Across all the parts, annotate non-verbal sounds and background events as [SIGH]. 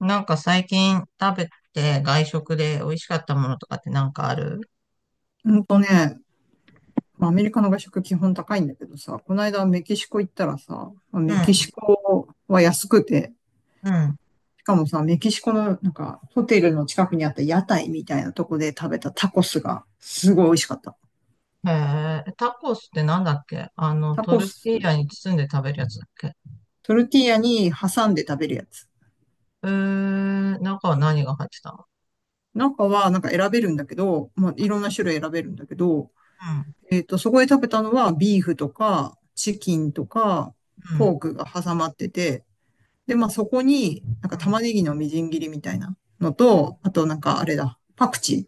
なんか最近食べて外食で美味しかったものとかってなんかある？ほんとね、まあアメリカの外食基本高いんだけどさ、この間メキシコ行ったらさ、まあうメキん、シコは安くて、うん。しかもさ、メキシコのホテルの近くにあった屋台みたいなとこで食べたタコスがすごい美味しかった。へえ、タコスってなんだっけ？あの、タトコルス、ティーヤに包んで食べるやつだっけ？トルティーヤに挟んで食べるやつ。えー、中は何が入ってたの？中は選べるんだけど、まあいろんな種類選べるんだけど、うん、そこで食べたのはビーフとかチキンとかうポん、ークが挟まってて、で、まあそこに、なんか玉ねぎのみじん切りみたいなのと、あとなんかあれだ、パクチ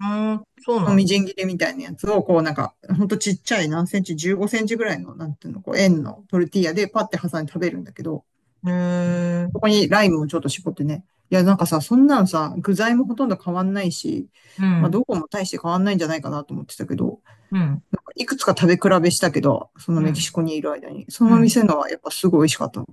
うん。うーん、そうーのなみんだ。じん切りみたいなやつを、こうなんか、ほんとちっちゃい何センチ、15センチぐらいの、なんていうの、こう円のトルティーヤでパッて挟んで食べるんだけど、へえ、そこにライムをちょっと絞ってね。いや、なんかさ、そんなのさ、具材もほとんど変わんないし、うまあん、どこも大して変わんないんじゃないかなと思ってたけど、うん、いくつか食べ比べしたけど、そのうメキシん、コにいる間に、そうのん。店のはやっぱすごい美味しかったの。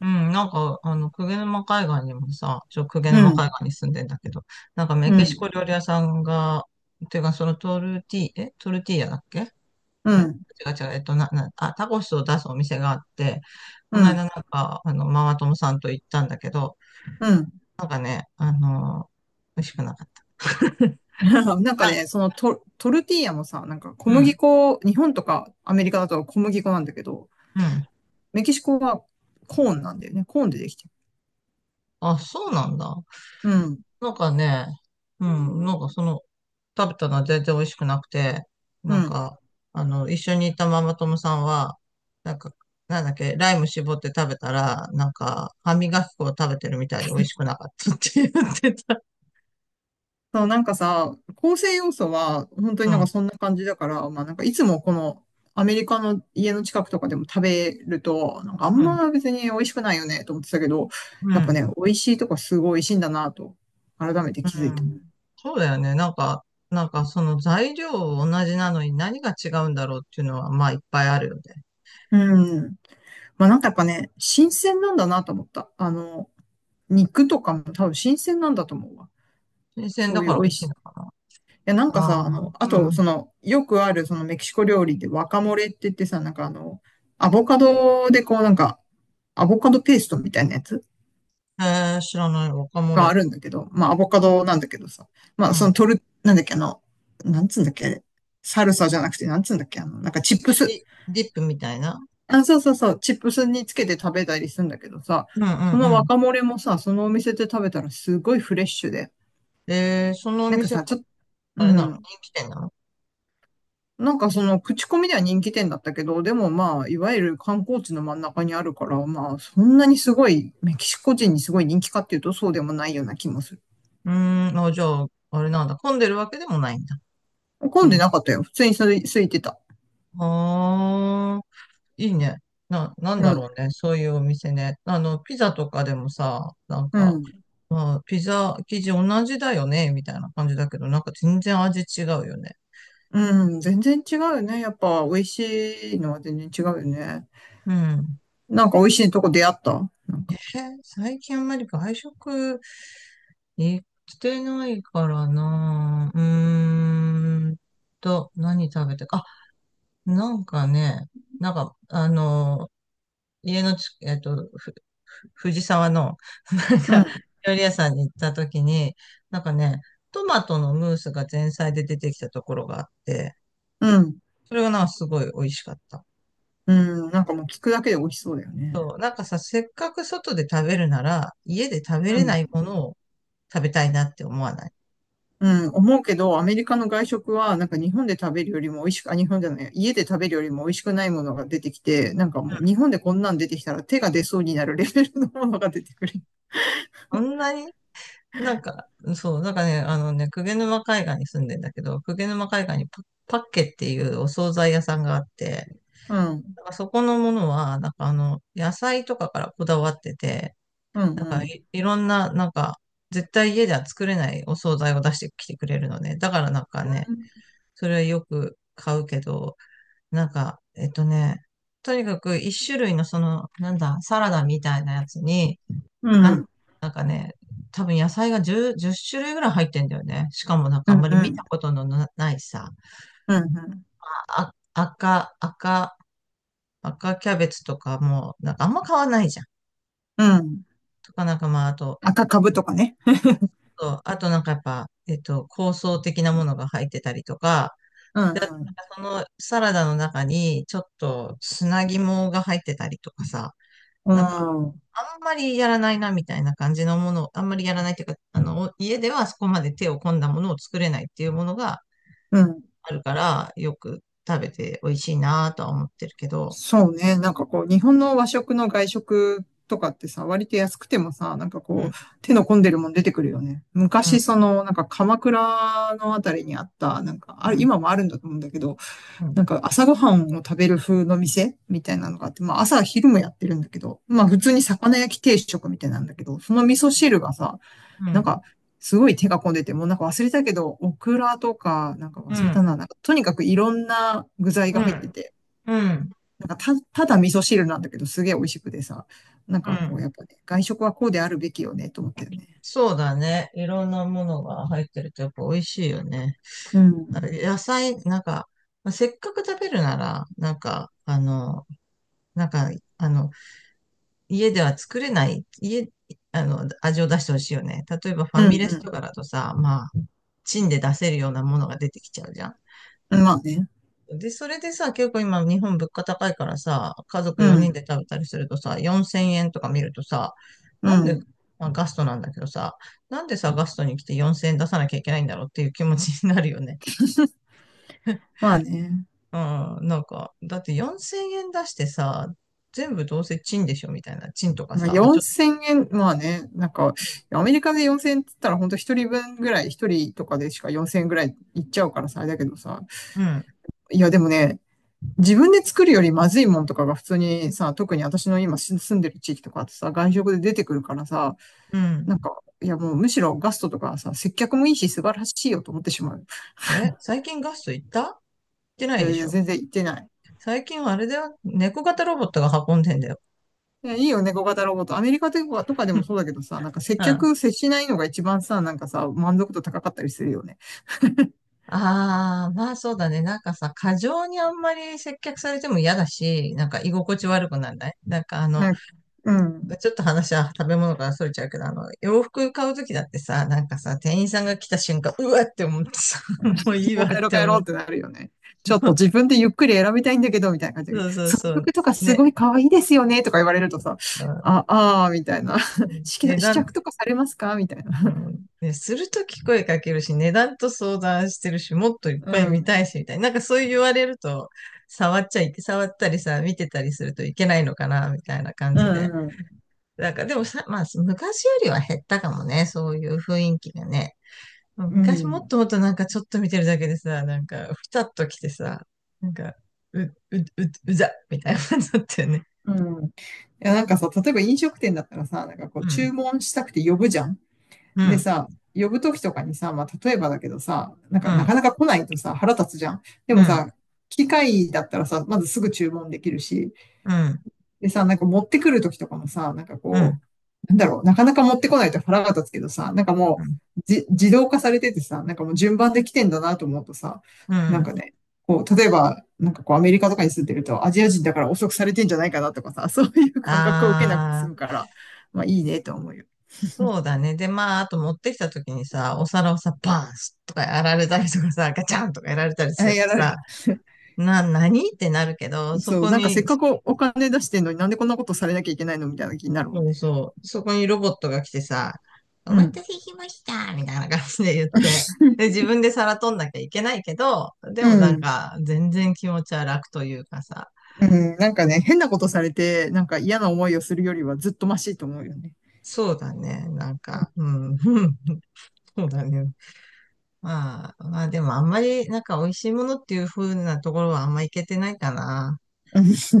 うん、なんか、あの、鵠沼海岸にもさ、鵠う沼ん、海岸に住んでんだけど、なんかメうキシん、コ料理屋さんが、ていうか、そのトルティーヤだっけ？うあれん、違う違う、えっと、な、な、あ、タコスを出すお店があって、こうの間ん、なんか、あの、ママ友さんと行ったんだけど、うん。なんかね、あの、美味しくなかった。[LAUGHS] [LAUGHS] なんかなんね、トルティーヤもさ、なんか小う麦ん、粉、日本とかアメリカだと小麦粉なんだけど、うん。メキシコはコーンなんだよね。コーンでできてる。あ、そうなんだ。うん。なんかね、うん、なんかその、食べたのは全然美味しくなくて、うなんん。か、あの、一緒にいたママ友さんは、なんか、なんだっけ、ライム絞って食べたら、なんか、歯磨き粉を食べてるみたいで美味しくなかったって言ってた。そう、なんかさ、構成要素は本当うになんかん、そんな感じだから、まあなんかいつもこのアメリカの家の近くとかでも食べると、なんかあうんん、ま別に美味しくないよねと思ってたけど、うやっぱん。ね、美味しいとこすごい美味しいんだなと、改めてう気づいた。ん。そうだよね。なんか、なんかその材料同じなのに何が違うんだろうっていうのは、まあいっぱいあるよね。うん。まあなんかやっぱね、新鮮なんだなと思った。あの、肉とかも多分新鮮なんだと思うわ。新鮮そだういかうら美美味味ししいい。いのかな。や、なんかさ、あああ、の、あうと、ん。その、よくある、そのメキシコ料理でワカモレって言ってさ、なんかあの、アボカドでこう、なんか、アボカドペーストみたいなやつえー、知らない。ワカモがあレ。るんだけど、まあ、アボカドなんだけどさ、うまあ、その、ん。なんだっけ、あの、なんつうんだっけ、あれサルサじゃなくて、なんつうんだっけ、あの、なんかチップス。ディ、ディップみたいな。あ、そうそうそう、チップスにつけて食べたりするんだけどさ、うんうそのんうワん。カモレもさ、そのお店で食べたらすごいフレッシュで、えー、そのおなんか店は、さ、ちょっと、うあれなの？人ん。気店なの？なんかその口コミでは人気店だったけど、でもまあ、いわゆる観光地の真ん中にあるから、まあ、そんなにすごい、メキシコ人にすごい人気かっていうと、そうでもないような気もする。うーん、あ、じゃあ、あれなんだ。混んでるわけでもないんだ。う混んでん。なかったよ。普通に空いてた。ああ、いいね。なんうだん、ろうね。そういうお店ね。あの、ピザとかでもさ、なんうか、ん、まあ、ピザ生地同じだよね、みたいな感じだけど、なんか全然味違うよね。うん、全然違うよね。やっぱ、美味しいのは全然違うよね。うん。なんか美味しいとこ出会ったなんか、最近あんまり外食行ってないからな。何食べてか。あ、なんかね、なんか、あの、家のち、えっと、ふ、藤沢の、[LAUGHS] なんうか、ん、料理屋さんに行った時に、なんかね、トマトのムースが前菜で出てきたところがあって、うん、それがなんかすごい美味しかった。うん、なんかもう聞くだけで美味しそうだよね。そう、なんかさ、せっかく外で食べるなら、家で食べうれん。ないものを食べたいなって思わない？うん、思うけど、アメリカの外食は、なんか日本で食べるよりも美味しく、あ、日本じゃない、家で食べるよりも美味しくないものが出てきて、なんかもう日本でこんなん出てきたら手が出そうになるレベルのものが出てくる。そんなになんか、そう、なんかね、あのね、鵠沼海岸に住んでんだけど、鵠沼海岸にパッケっていうお惣菜屋さんがあって、うん、なんかそこのものは、なんかあの、野菜とかからこだわってて、うん、なんうかん。い、いろんな、なんか、絶対家では作れないお惣菜を出してきてくれるのね。だからなんかね、うそれはよく買うけど、なんか、とにかく一種類のその、なんだ、サラダみたいなやつに、なん、ん、うん、なんかね、多分野菜が10、じゅっ種類ぐらい入ってんだよね。しかもなんかうあんん、まりう見たん、ことのないさ、うん。あ、赤キャベツとかも、なんかあんま買わないじゃん。うん、とかなんかまあ、あと、赤株とかね。そうあとなんかやっぱ、香草的なものが入ってたりとか、うん、で、うん、そのサラダの中にちょっと砂肝が入ってたりとかさ、うなんか、ん、あんまりやらないなみたいな感じのものを、あんまりやらないっていうか、あの、家ではそこまで手を込んだものを作れないっていうものがうん。あるから、よく食べて美味しいなとは思ってるけど、そうね。なんかこう、日本の和食の外食とかってさ、割と安くてもさ、なんかうこん、う、手の込んでるもん出てくるよね。うん、昔、その、なんか鎌倉のあたりにあった、なんか、うあれ、ん、今もあるんだと思うんだけど、うん、なんか朝ごはんを食べる風の店みたいなのがあって、まあ朝昼もやってるんだけど、まあ普う通にん、魚焼き定食みたいなんだけど、その味噌汁がさ、うなんん、か、すごい手が込んでて、もうなんか忘れたけど、オクラとか、なんかう忘れん、たな、なんかとにかくいろんな具材が入ってて、うん、ただ味噌汁なんだけど、すげえ美味しくてさ、なんうかこう、ん。やっぱね、外食はこうであるべきよね、と思ったよね。そうだね。いろんなものが入ってるとやっぱ美味しいよね。うあん。れ野菜、なんか、まあせっかく食べるなら、なんか、あの、なんか、あの、家では作れない、家、あの、味を出してほしいよね。例えばファうミレスとんかだとさ、まあ、チンで出せるようなものが出てきちゃうじゃん。うん。まあね。で、それでさ、結構今日本物価高いからさ、家族う4人ん。で食べたりするとさ、4000円とか見るとさ、うなんで、ん。まあ、ガストなんだけどさ、なんでさ、ガストに来て4000円出さなきゃいけないんだろうっていう気持ちになるよね。まあね。[LAUGHS] うん、なんか、だって4000円出してさ、全部どうせチンでしょみたいな。チンとかまあさ、まあ、ちょっと、4000円、まあね。なんか、アメリカで4000円って言ったら、ほんと一人分ぐらい、一人とかでしか4000円ぐらいいっちゃうからさ、あれだけどさ。うん、いや、でもね、自分で作るよりまずいもんとかが普通にさ、特に私の今住んでる地域とかってさ、外食で出てくるからさ、うん。なんか、いやもうむしろガストとかさ、接客もいいし素晴らしいよと思ってしまう。え、最近ガスト行ってないいやでいしや、ょ。全然言ってない。最近はあれだよ。猫型ロボットが運んでんだよ。いや、いいよね、猫型ロボット。アメリカとかとかで [LAUGHS] うもそうだけどさ、なんか接ん。あ客接しないのが一番さ、なんかさ、満足度高かったりするよね。あ、まあそうだね。なんかさ、過剰にあんまり接客されても嫌だし、なんか居心地悪くならないなんかあの、なんか、うん。ちょっと話は食べ物からそれちゃうけど、あの、洋服買うときだってさ、なんかさ、店員さんが来た瞬間、うわって思ってさ、[LAUGHS] もういいもわうっ帰ろうて帰思ろうう。ってなるよね。ちょっと自 [LAUGHS] 分でゆっくり選びたいんだけど、みたいな感じで。そうそうそのそう。曲とかすね。ごい可愛いですよね、とか言われるとさ、うん。あ、ああ、みたいな。[LAUGHS] 試値着試段。着とかされますかみたいうな。ん。ね、するとき声かけるし、値段と相談してるし、もっといっうぱい見ん。たいし、みたいな。なんかそう言われると、触っちゃいけ、触ったりさ、見てたりするといけないのかな、みたいな感うじで。ん。なんかでもさ、まあ、昔よりは減ったかもね、そういう雰囲気がね。う昔もっん。ともっとなんかちょっと見てるだけでさ、なんか、ふたっと来てさ、なんか、う、う、う、うざ、みたいな感じだったよね。うん。うん。いや、なんかさ、例えば飲食店だったらさ、なんかこう、う注ん、文したくて呼ぶじゃん。うでん、さ、呼ぶときとかにさ、まあ、例えばだけどさ、なんうかなん、かなか来ないとさ、腹立つじゃん。でうもん、さ、機械だったらさ、まずすぐ注文できるし、うん、でさ、なんか持ってくるときとかもさ、なんかうこん、う、なんだろう、なかなか持ってこないと腹が立つけどさ、なんかうもん、う、じ、自動化されててさ、なんかもう順番で来てんだなと思うとさ、うなんん。かね、こう、例えば、なんかこうアメリカとかに住んでると、アジア人だから遅くされてんじゃないかなとかさ、[LAUGHS] そういう感覚を受けなくてあ済むー。から、まあいいねと思うよ。そうだね。で、まあ、あと持ってきた時にさ、お皿をさ、バーンとかやられたりとかさ、[LAUGHS] ガチャンとかやられたりあ、するやとられ、さ、何ってなるけど、そそう、こなんかせっに、かくお金出してんのになんでこんなことされなきゃいけないのみたいな気になるもんそうね。そう、そこにロボットが来てさ、おう待ん。たせしましたみたいな感じで言って、で、自 [LAUGHS] 分で皿取んなきゃいけないけど、でうもなんん。か、全然気持ちは楽というかさ、うん、なんかね、変なことされて、なんか嫌な思いをするよりはずっとマシと思うよね。そうだね。なんうん、か、うん、[LAUGHS] そうだね。まあ、まあでもあんまりなんか美味しいものっていう風なところはあんまいけてないかな。[LAUGHS] うん、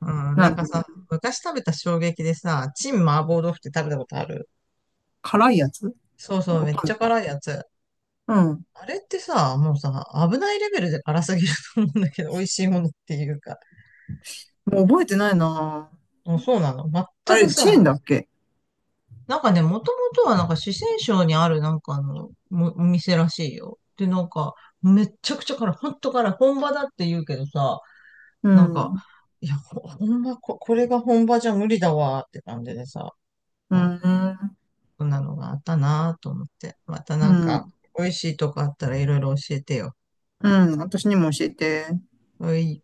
うん、ななんるかほど。さ、昔食べた衝撃でさ、チン麻婆豆腐って食べたことある？辛いやつ、そうそう、わめっかちゃる、辛いやつ。うん。あれってさ、もうさ、危ないレベルで辛すぎると思うんだけど、[LAUGHS] 美味しいものっていうか。もう覚えてないな。もうそうなの？あ全くれ、チェーさ、ンだっけ？なんかね、もともとはなんか四川省にあるなんかあの、もお店らしいよ。で、なんか、めっちゃくちゃ辛い。ほんと辛い。本場だって言うけどさ、うなんん。か、ういや、ほんま、これが本場じゃ無理だわーって感じでさ、ん。そんなのがあったなぁと思って。またうなんか、ん。美味しいとこあったらいろいろ教えてよ。うん。私にも教えて。はい。